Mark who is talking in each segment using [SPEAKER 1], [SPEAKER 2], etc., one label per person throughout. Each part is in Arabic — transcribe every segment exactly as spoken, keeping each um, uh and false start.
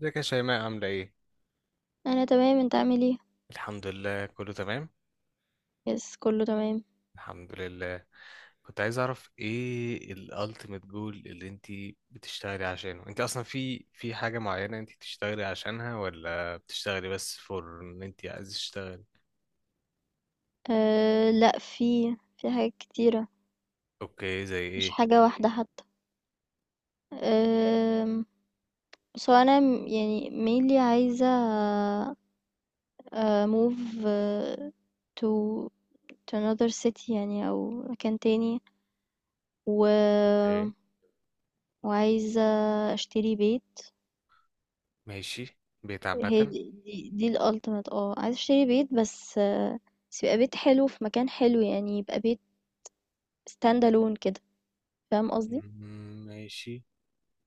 [SPEAKER 1] ازيك يا شيماء عاملة ايه؟
[SPEAKER 2] أنا تمام، أنت عامل إيه؟
[SPEAKER 1] الحمد لله كله تمام.
[SPEAKER 2] يس كله تمام.
[SPEAKER 1] الحمد لله. كنت عايز اعرف ايه الالتيميت جول اللي انت بتشتغلي عشانه، انت اصلا في في حاجة معينة انت بتشتغلي عشانها، ولا بتشتغلي بس فور ان انت عايز تشتغلي؟
[SPEAKER 2] أه لأ في في حاجات كتيرة.
[SPEAKER 1] اوكي، زي
[SPEAKER 2] مش
[SPEAKER 1] ايه؟
[SPEAKER 2] حاجة واحدة حتى. أه. بس هو أنا م- يعني mainly عايزة أه move أه to to another city يعني أو مكان تاني و
[SPEAKER 1] اوكي
[SPEAKER 2] وعايزة أشتري بيت.
[SPEAKER 1] ماشي، بيت
[SPEAKER 2] هي
[SPEAKER 1] عامة.
[SPEAKER 2] دي دي, دي ال ultimate اه عايزة أشتري بيت بس آه، بس يبقى بيت حلو في مكان حلو يعني يبقى بيت stand alone كده. فاهم قصدي؟
[SPEAKER 1] مم، ماشي.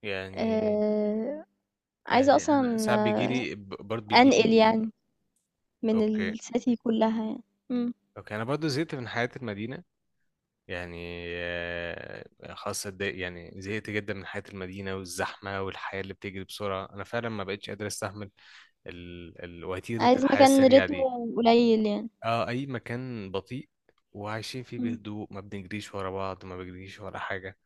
[SPEAKER 1] يعني
[SPEAKER 2] آه، عايزة
[SPEAKER 1] يعني انا
[SPEAKER 2] أصلًا
[SPEAKER 1] ساعات
[SPEAKER 2] آآ
[SPEAKER 1] بيجيلي ب- برضه
[SPEAKER 2] أنقل
[SPEAKER 1] بيجيلي.
[SPEAKER 2] يعني من
[SPEAKER 1] اوكي.
[SPEAKER 2] الcity كلّها يعني، إمم،
[SPEAKER 1] اوكي انا برضه زهقت من حياة المدينة، يعني آه، خلاص اتضايق- يعني زهقت جدا من حياة المدينة والزحمة والحياة اللي بتجري بسرعة، أنا فعلا ما بقتش قادر أستحمل ال... ال... وتيرة
[SPEAKER 2] عايزة
[SPEAKER 1] الحياة
[SPEAKER 2] مكان
[SPEAKER 1] السريعة دي.
[SPEAKER 2] رتمه قليل يعني،
[SPEAKER 1] اه، أي مكان بطيء وعايشين فيه
[SPEAKER 2] إمم،
[SPEAKER 1] بهدوء، ما بنجريش ورا بعض، ما بنجريش ورا حاجة.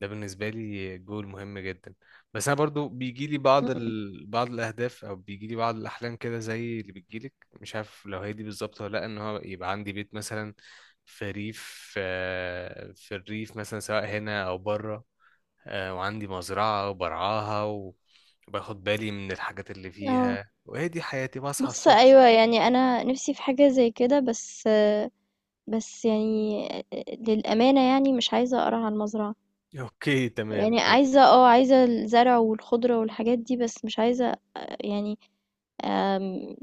[SPEAKER 1] ده بالنسبة لي جول مهم جدا. بس أنا برضو بيجي لي بعض
[SPEAKER 2] إمم،
[SPEAKER 1] ال... بعض الأهداف، أو بيجي لي بعض الأحلام كده زي اللي بتجيلك. مش عارف لو هي دي بالظبط ولا لأ، إن هو يبقى عندي بيت مثلا في ريف، آه، في الريف مثلا، سواء هنا أو بره. آه، وعندي مزرعة وبرعاها و- وباخد بالي من الحاجات اللي
[SPEAKER 2] آه،
[SPEAKER 1] فيها، وهي دي حياتي بصحى
[SPEAKER 2] بُص
[SPEAKER 1] الصبح.
[SPEAKER 2] أيوه يعني أنا نِفْسي في حاجة زي كده بس آه، بس يعني آه، للأمانة يعني مش عايزة أقرع على المزرعة،
[SPEAKER 1] أوكي تمام
[SPEAKER 2] يعني
[SPEAKER 1] ماشي.
[SPEAKER 2] عايزة آه، عايزة الزرع والخضرة والحاجات دي بس مش عايزة آه، يعني آمم،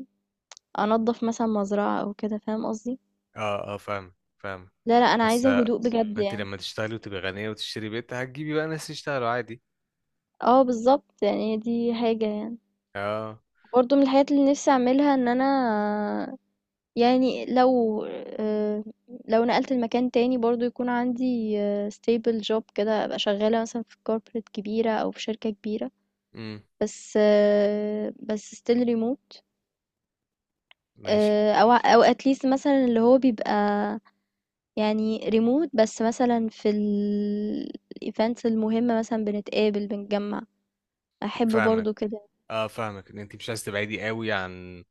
[SPEAKER 2] أنضّف مثلًا مزرعة أو كده. فاهم قصدي؟
[SPEAKER 1] أه أه فاهم فاهم.
[SPEAKER 2] لا، لأ، أنا
[SPEAKER 1] بس
[SPEAKER 2] عايزة
[SPEAKER 1] آه،
[SPEAKER 2] هدوء بجد
[SPEAKER 1] ما أنت
[SPEAKER 2] يعني،
[SPEAKER 1] لما تشتغلي وتبقي غنية وتشتري بيت هتجيبي بقى ناس يشتغلوا عادي.
[SPEAKER 2] آه بالضبط، يعني دي حاجة يعني.
[SPEAKER 1] اه.
[SPEAKER 2] برضو من الحاجات اللي نفسي اعملها ان انا يعني لو آه، لو نقلت المكان تاني برضو يكون عندي آه، stable job كده ابقى شغالة مثلا في corporate كبيرة او في شركة كبيرة
[SPEAKER 1] امم.
[SPEAKER 2] بس آه، بس still remote.
[SPEAKER 1] ماشي.
[SPEAKER 2] آه، او او at least مثلا اللي هو بيبقى يعني remote بس مثلا في ال events المهمة مثلا بنتقابل بنتجمع. احب
[SPEAKER 1] فاهمك.
[SPEAKER 2] برضو كده.
[SPEAKER 1] اه فاهمك ان انت مش عايز تبعدي قوي عن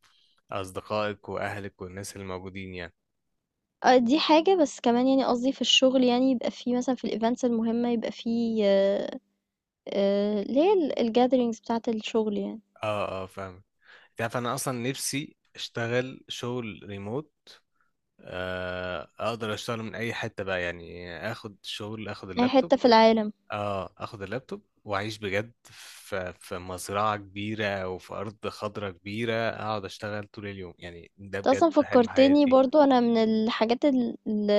[SPEAKER 1] اصدقائك واهلك والناس اللي موجودين يعني.
[SPEAKER 2] آه، دي حاجة، بس كمان يعني قصدي في الشغل يعني يبقى في مثلًا في الevents المهمة يبقى في آآ، اللي هي ال الgatherings بتاعة الشغل يعني،
[SPEAKER 1] اه اه فاهمك. انت عارف انا اصلا نفسي اشتغل شغل ريموت، آه اقدر اشتغل من اي حته بقى، يعني اخد شغل، اخد
[SPEAKER 2] أي
[SPEAKER 1] اللابتوب.
[SPEAKER 2] حتة في العالم.
[SPEAKER 1] اه اخد اللابتوب واعيش بجد في في مزرعه كبيره او في ارض خضراء كبيره، اقعد اشتغل طول اليوم. يعني ده
[SPEAKER 2] أنت
[SPEAKER 1] بجد
[SPEAKER 2] أصلًا
[SPEAKER 1] حلم
[SPEAKER 2] فكّرتني
[SPEAKER 1] حياتي.
[SPEAKER 2] برضه أنا من الحاجات ال ال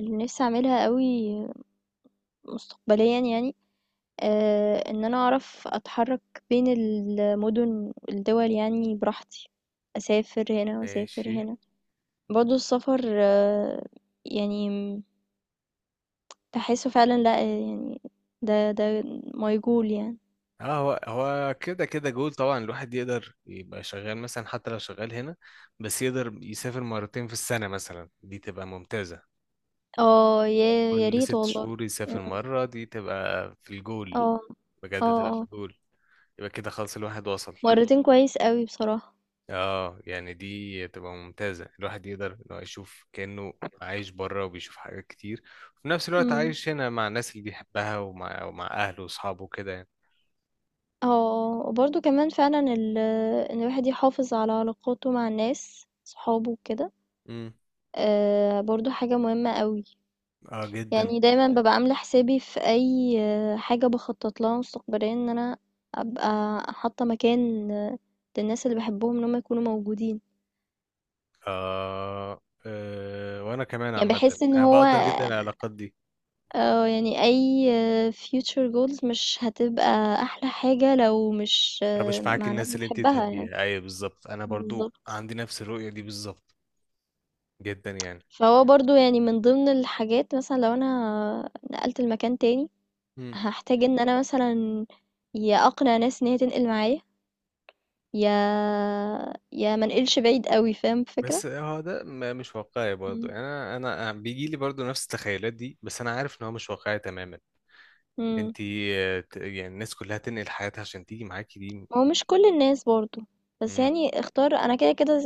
[SPEAKER 2] اللي نفسي أعملها أوي مستقبليًا يعني، آآ، إن أنا أعرف أتحرّك بين المدن والدول يعني براحتي، أسافر هنا وأسافر
[SPEAKER 1] ماشي.
[SPEAKER 2] هنا. برضه السفر آه، يعني تحسه فعلا لأ يعني ده ده ميجول يعني.
[SPEAKER 1] اه، هو هو كده كده جول طبعا، الواحد يقدر يبقى شغال مثلا حتى لو شغال هنا، بس يقدر يسافر مرتين في السنة مثلا، دي تبقى ممتازة.
[SPEAKER 2] آه، يا يا
[SPEAKER 1] كل
[SPEAKER 2] ريت
[SPEAKER 1] ست
[SPEAKER 2] والله.
[SPEAKER 1] شهور
[SPEAKER 2] إمم.
[SPEAKER 1] يسافر مرة، دي تبقى في الجول.
[SPEAKER 2] آه. آه،
[SPEAKER 1] بجد تبقى في
[SPEAKER 2] آه.
[SPEAKER 1] الجول. يبقى كده خلاص الواحد وصل.
[SPEAKER 2] مرّتين كويس أوي بصراحة.
[SPEAKER 1] اه يعني دي تبقى ممتازة، الواحد يقدر إن هو يشوف كأنه عايش بره وبيشوف حاجات كتير، وفي نفس الوقت
[SPEAKER 2] إمم.
[SPEAKER 1] عايش هنا مع الناس اللي بيحبها، ومع, ومع أهله وأصحابه كده يعني.
[SPEAKER 2] آه، آه. وبرضه كمان فعلًا ال إن الواحد يحافظ على علاقاته مع الناس، صحابه وكده،
[SPEAKER 1] مم.
[SPEAKER 2] آآ برضه حاجة مهمة أوي.
[SPEAKER 1] اه جدا.
[SPEAKER 2] يعني دايمًا بابقى عاملة حسابي في أي آه، حاجة باخطط لها مستقبليًا إن أنا أبقى حاطة مكان آه، للناس اللي باحبهم إن هم يكونوا موجودين.
[SPEAKER 1] آه آه وانا كمان
[SPEAKER 2] يعني
[SPEAKER 1] عامه،
[SPEAKER 2] باحس إن
[SPEAKER 1] انا
[SPEAKER 2] هو
[SPEAKER 1] بقدر جدا العلاقات دي.
[SPEAKER 2] آه، يعني أي future goals مش هتبقى أحلى حاجة لو مش
[SPEAKER 1] انا مش
[SPEAKER 2] آه،
[SPEAKER 1] معاك،
[SPEAKER 2] مع ناس
[SPEAKER 1] الناس اللي انت
[SPEAKER 2] بتحبها يعني.
[SPEAKER 1] تحبيها، ايوه بالظبط، انا برضو
[SPEAKER 2] بالظبط.
[SPEAKER 1] عندي نفس الرؤيه دي بالظبط، جدا يعني.
[SPEAKER 2] فهو برضو يعني من ضمن الحاجات مثلا لو أنا نقلت المكان تاني
[SPEAKER 1] مم.
[SPEAKER 2] هحتاج إن أنا مثلا يا أقنع ناس إن هي تنقل معايا يا يا منقلش بعيد قوي. فاهم الفكرة.
[SPEAKER 1] بس هو ده م- مش واقعي برضو
[SPEAKER 2] مم.
[SPEAKER 1] يعني. انا انا بيجي لي برضو نفس التخيلات دي، بس انا عارف ان هو مش واقعي تماما، ان
[SPEAKER 2] مم.
[SPEAKER 1] انت آه، ت- يعني الناس كلها تنقل حياتها عشان تيجي معاكي، دي
[SPEAKER 2] هو مش كل الناس برضو بس
[SPEAKER 1] امم.
[SPEAKER 2] يعني اختار أنا كده كده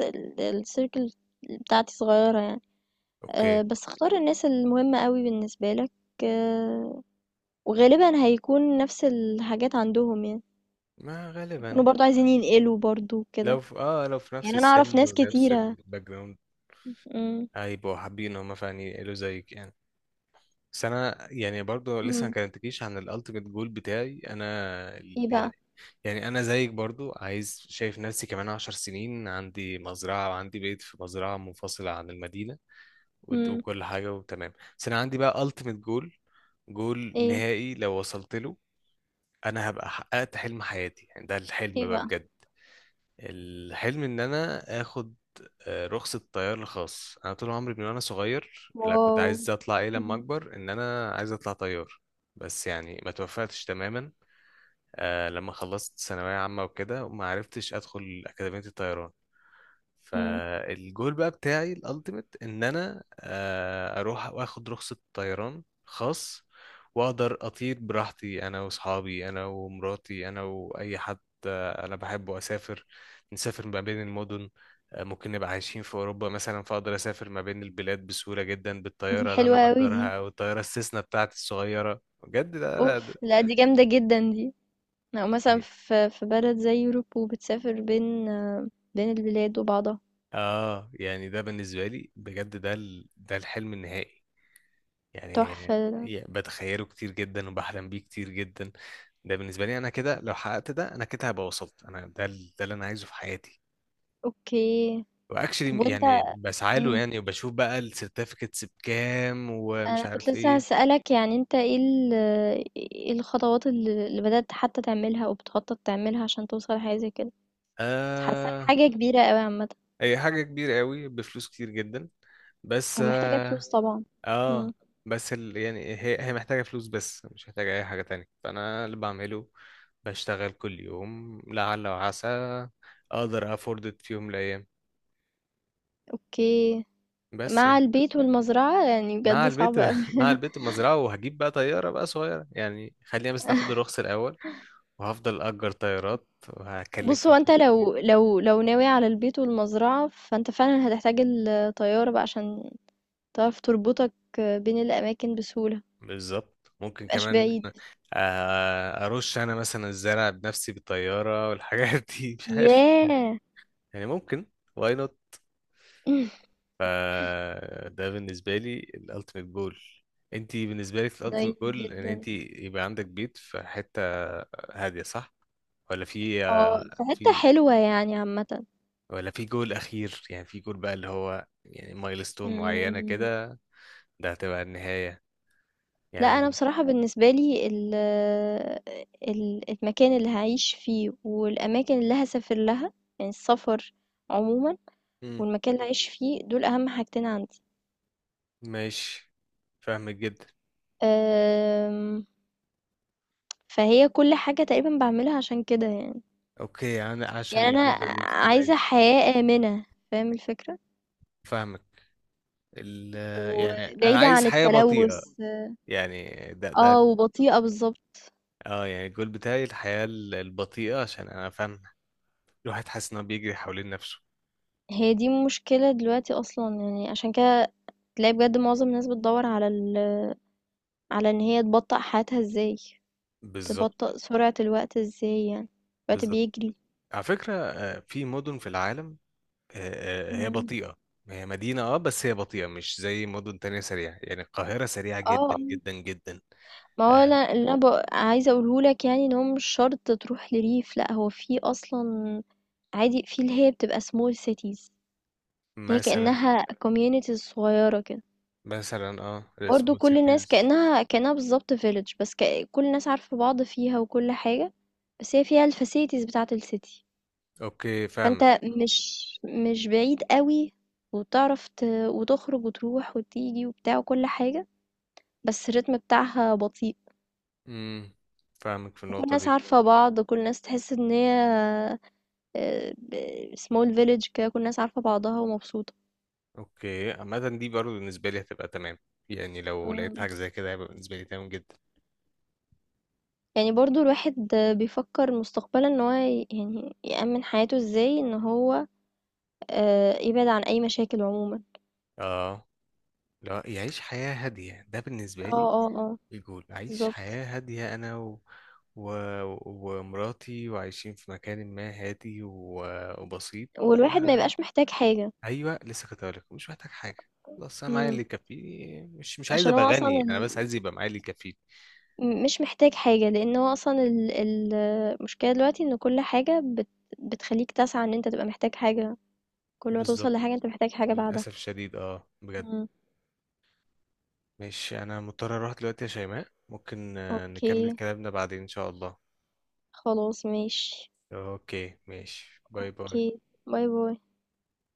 [SPEAKER 2] السيركل بتاعتي صغيرة يعني. آآ
[SPEAKER 1] اوكي.
[SPEAKER 2] بس اختار الناس المهمة أوي بالنسبة لك، آه، وغالبًا هيكون نفس الحاجات عندهم يعني،
[SPEAKER 1] ما
[SPEAKER 2] يكونوا
[SPEAKER 1] غالبا،
[SPEAKER 2] برضه عايزين ينقلوا برضه
[SPEAKER 1] لو
[SPEAKER 2] وكده،
[SPEAKER 1] في اه لو في نفس
[SPEAKER 2] يعني أنا أعرف
[SPEAKER 1] السن
[SPEAKER 2] ناس
[SPEAKER 1] ونفس
[SPEAKER 2] كتيرة.
[SPEAKER 1] الباك جراوند،
[SPEAKER 2] إمم،
[SPEAKER 1] هيبقوا حابين هم فعلا ينقلوا زيك يعني. بس انا يعني برضو لسه ما
[SPEAKER 2] إمم،
[SPEAKER 1] كلمتكيش عن الالتيميت جول بتاعي انا. ال-
[SPEAKER 2] إيه
[SPEAKER 1] يعني.
[SPEAKER 2] بقى؟
[SPEAKER 1] يعني انا زيك برضو عايز، شايف نفسي كمان عشر سنين عندي مزرعه، وعندي بيت في مزرعه منفصله عن المدينه، وت-
[SPEAKER 2] إمم،
[SPEAKER 1] وكل حاجه وتمام. بس انا عندي بقى التيميت جول، جول
[SPEAKER 2] إيه،
[SPEAKER 1] نهائي لو وصلت له انا هبقى حققت حلم حياتي، يعني ده الحلم
[SPEAKER 2] إيه
[SPEAKER 1] بقى
[SPEAKER 2] بقى؟
[SPEAKER 1] بجد. الحلم ان انا اخد، آه، رخصة طيار الخاص. انا طول عمري من وانا صغير، لا كنت
[SPEAKER 2] واو!
[SPEAKER 1] عايز اطلع ايه لما
[SPEAKER 2] إمم،
[SPEAKER 1] اكبر، ان انا عايز اطلع طيار، بس يعني ما توفقتش تماما. آه لما خلصت ثانوية عامة وكده، وما عرفتش ادخل اكاديمية الطيران.
[SPEAKER 2] إمم،
[SPEAKER 1] فالجول بقى بتاعي الالتيميت ان انا آه اروح واخد رخصة طيران خاص، واقدر اطير براحتي انا واصحابي، انا ومراتي، انا واي حد. انا بحب اسافر، نسافر ما بين المدن. آه، ممكن نبقى عايشين في اوروبا مثلا، فاقدر اسافر ما بين البلاد بسهوله جدا
[SPEAKER 2] دي
[SPEAKER 1] بالطياره اللي انا
[SPEAKER 2] حلوة أوي دي،
[SPEAKER 1] مأجرها، او الطياره السيسنا بتاعتي الصغيره. بجد لا لا ده
[SPEAKER 2] أوف! لأ دي جامدة جدًا دي، أو مثلًا
[SPEAKER 1] يعني-
[SPEAKER 2] في في بلد زي Europe وبتسافر بين آه، بين البلاد وبعضها،
[SPEAKER 1] اه يعني ده بالنسبه لي بجد، ده ال... ده الحلم النهائي يعني.
[SPEAKER 2] تحفة،
[SPEAKER 1] يعني بتخيله كتير جدا وبحلم بيه كتير جدا. ده بالنسبه لي انا، كده لو حققت ده انا كده هبقى وصلت انا، ده ال- ده اللي انا عايزه في حياتي.
[SPEAKER 2] أوكي، طب
[SPEAKER 1] واكشلي
[SPEAKER 2] وأنت.
[SPEAKER 1] يعني بسعى له
[SPEAKER 2] إمم.
[SPEAKER 1] يعني، وبشوف بقى السيرتيفيكتس بكام ومش
[SPEAKER 2] أنا كنت
[SPEAKER 1] عارف
[SPEAKER 2] لسه
[SPEAKER 1] ايه.
[SPEAKER 2] هاسألك يعني أنت إيه ال إيه الخطوات اللي اللي بدأت حتى تعملها أو بتخطط تعملها عشان توصل لحاجة زي كده بس حاسة
[SPEAKER 1] آه
[SPEAKER 2] حاجة كبيرة أوي عامة
[SPEAKER 1] هي حاجة كبيرة قوي بفلوس كتير جدا. بس
[SPEAKER 2] أو محتاجة
[SPEAKER 1] اه,
[SPEAKER 2] فلوس طبعا.
[SPEAKER 1] آه
[SPEAKER 2] مم.
[SPEAKER 1] بس ال... يعني هي هي محتاجة فلوس بس، مش محتاجة أي حاجة تانية. فأنا اللي بعمله بشتغل كل يوم لعل وعسى أقدر أفورد إت في يوم من الأيام.
[SPEAKER 2] أوكي.
[SPEAKER 1] بس
[SPEAKER 2] مع
[SPEAKER 1] يعني
[SPEAKER 2] البيت والمزرعة يعني
[SPEAKER 1] مع
[SPEAKER 2] بجد
[SPEAKER 1] البيت
[SPEAKER 2] صعب أوي
[SPEAKER 1] مع البيت المزرعة، وهجيب بقى طيارة بقى صغيرة، يعني خلينا بس ناخد الرخص الأول، وهفضل أجر طيارات وهكلف
[SPEAKER 2] بص هو
[SPEAKER 1] فلوس
[SPEAKER 2] أنت
[SPEAKER 1] كتير.
[SPEAKER 2] لو لو لو ناوي على البيت والمزرعة فأنت فعلا هتحتاج الطيارة بقى عشان تعرف تربطك بين الأماكن بسهولة
[SPEAKER 1] بالظبط. ممكن
[SPEAKER 2] متبقاش
[SPEAKER 1] كمان
[SPEAKER 2] بعيد.
[SPEAKER 1] آه، أرش أنا مثلا الزرع بنفسي بالطيارة والحاجات دي مش عارف
[SPEAKER 2] ياه
[SPEAKER 1] يعني ممكن. واي نوت. فده بالنسبة لي الألتيميت جول. انتي بالنسبة لك الألتيميت
[SPEAKER 2] نايس
[SPEAKER 1] جول ان
[SPEAKER 2] جدا.
[SPEAKER 1] انتي يبقى عندك بيت في حتة هادية، صح؟ ولا في
[SPEAKER 2] اه
[SPEAKER 1] آه،
[SPEAKER 2] في حتة
[SPEAKER 1] في،
[SPEAKER 2] حلوة يعني عامة.
[SPEAKER 1] ولا في جول أخير، يعني في جول بقى اللي هو يعني مايلستون معينة
[SPEAKER 2] مم،
[SPEAKER 1] كده، ده هتبقى النهاية
[SPEAKER 2] لا انا
[SPEAKER 1] يعني؟
[SPEAKER 2] بصراحة بالنسبة لي ال ال- المكان اللي هعيش فيه والاماكن اللي هسافر لها يعني السفر عموما
[SPEAKER 1] مم.
[SPEAKER 2] والمكان اللي هعيش فيه دول اهم حاجتين عندي.
[SPEAKER 1] ماشي. فاهمك جدا.
[SPEAKER 2] أم، فهي كل حاجة تقريبا بعملها عشان كده يعني.
[SPEAKER 1] اوكي انا عشان
[SPEAKER 2] يعني انا
[SPEAKER 1] الجودة دي انت تبعد.
[SPEAKER 2] عايزة حياة آمنة. فاهم الفكرة.
[SPEAKER 1] فاهمك. ال يعني انا
[SPEAKER 2] وبعيدة
[SPEAKER 1] عايز
[SPEAKER 2] عن
[SPEAKER 1] حياة بطيئة،
[SPEAKER 2] التلوث.
[SPEAKER 1] يعني ده ده
[SPEAKER 2] اه
[SPEAKER 1] ال-
[SPEAKER 2] وبطيئة بالظبط.
[SPEAKER 1] اه يعني الجول بتاعي الحياة ال- البطيئة، عشان انا فاهم الواحد حاسس انه بيجري حوالين نفسه.
[SPEAKER 2] هي دي مشكلة دلوقتي اصلا يعني عشان كده تلاقي بجد معظم الناس بتدور على ال على إن هي تبطأ حياتها ازاي
[SPEAKER 1] بالظبط.
[SPEAKER 2] تبطأ سرعة الوقت ازاي يعني الوقت
[SPEAKER 1] بالظبط.
[SPEAKER 2] بيجري.
[SPEAKER 1] على فكرة آه، في مدن في العالم، آه، آه، هي
[SPEAKER 2] إمم.
[SPEAKER 1] بطيئة، هي مدينة اه، بس هي بطيئة مش زي مدن تانية سريعة، يعني القاهرة سريعة
[SPEAKER 2] اه
[SPEAKER 1] جدا
[SPEAKER 2] آه.
[SPEAKER 1] جدا جدا.
[SPEAKER 2] ما هو
[SPEAKER 1] آه،
[SPEAKER 2] أنا اللي أنا ب عايزة أقوله لك يعني إن هو مش شرط تروح لريف لأ هو في أصلًا عادي في اللي هي بتبقى small cities اللي هي
[SPEAKER 1] مثلا.
[SPEAKER 2] كأنها communities صغيرة كده،
[SPEAKER 1] مثلا اه
[SPEAKER 2] برضه
[SPEAKER 1] السمول
[SPEAKER 2] كل الناس
[SPEAKER 1] سيتيز.
[SPEAKER 2] كأنها كأنها بالضبط village بس ك كل الناس عارفة بعض فيها وكل حاجة، بس هي فيها الfacilities بتاعة الcity.
[SPEAKER 1] اوكي فاهم.
[SPEAKER 2] فأنت مش مش بعيد قوي وبتعرف ت... وتخرج وتروح وتيجي وبتاع وكل حاجة بس الريتم بتاعها بطيء
[SPEAKER 1] امم فاهمك في
[SPEAKER 2] وكل
[SPEAKER 1] النقطة
[SPEAKER 2] الناس
[SPEAKER 1] دي.
[SPEAKER 2] عارفة بعض كل الناس تحس ان هي سمول فيليج كده كل الناس عارفة بعضها ومبسوطة.
[SPEAKER 1] اوكي عامة دي برضه بالنسبة لي هتبقى تمام، يعني لو لقيت
[SPEAKER 2] مم.
[SPEAKER 1] حاجة زي كده هيبقى بالنسبة لي تمام جدا.
[SPEAKER 2] يعني برضو الواحد بيفكر مستقبلا ان هو ي- يعني يأمن حياته ازاي ان هو آه، يبعد عن اي مشاكل عموما.
[SPEAKER 1] اه. لا يعيش حياة هادية، ده بالنسبة
[SPEAKER 2] اه
[SPEAKER 1] لي
[SPEAKER 2] اه اه
[SPEAKER 1] الجول، أعيش
[SPEAKER 2] بالظبط
[SPEAKER 1] حياة هادية أنا و... و... ومراتي، وعايشين في مكان ما هادي و... وبسيط.
[SPEAKER 2] والواحد ما
[SPEAKER 1] آه.
[SPEAKER 2] يبقاش محتاج حاجة.
[SPEAKER 1] أيوة لسه كنت هقولك مش محتاج حاجة. خلاص أنا معايا
[SPEAKER 2] مم.
[SPEAKER 1] اللي يكفيني، مش مش عايز
[SPEAKER 2] عشان
[SPEAKER 1] أبقى
[SPEAKER 2] هو اصلا
[SPEAKER 1] غني، أنا بس
[SPEAKER 2] ال...
[SPEAKER 1] عايز يبقى معايا اللي يكفيني.
[SPEAKER 2] م مش محتاج حاجة، لإن هو أصلًا ال ال المشكلة دلوقتي إن كل حاجة بت بتخلّيك تسعى إن أنت تبقى محتاج حاجة، كل ما توصل
[SPEAKER 1] بالظبط.
[SPEAKER 2] لحاجة أنت محتاج حاجة بعدها.
[SPEAKER 1] للأسف الشديد اه بجد.
[SPEAKER 2] إمم.
[SPEAKER 1] ماشي انا مضطر اروح دلوقتي يا شيماء، ممكن آه، نكمل
[SPEAKER 2] أوكي،
[SPEAKER 1] كلامنا بعدين ان شاء الله.
[SPEAKER 2] خلاص ماشي،
[SPEAKER 1] اوكي ماشي، باي
[SPEAKER 2] أوكي،
[SPEAKER 1] باي.
[SPEAKER 2] باي، باي.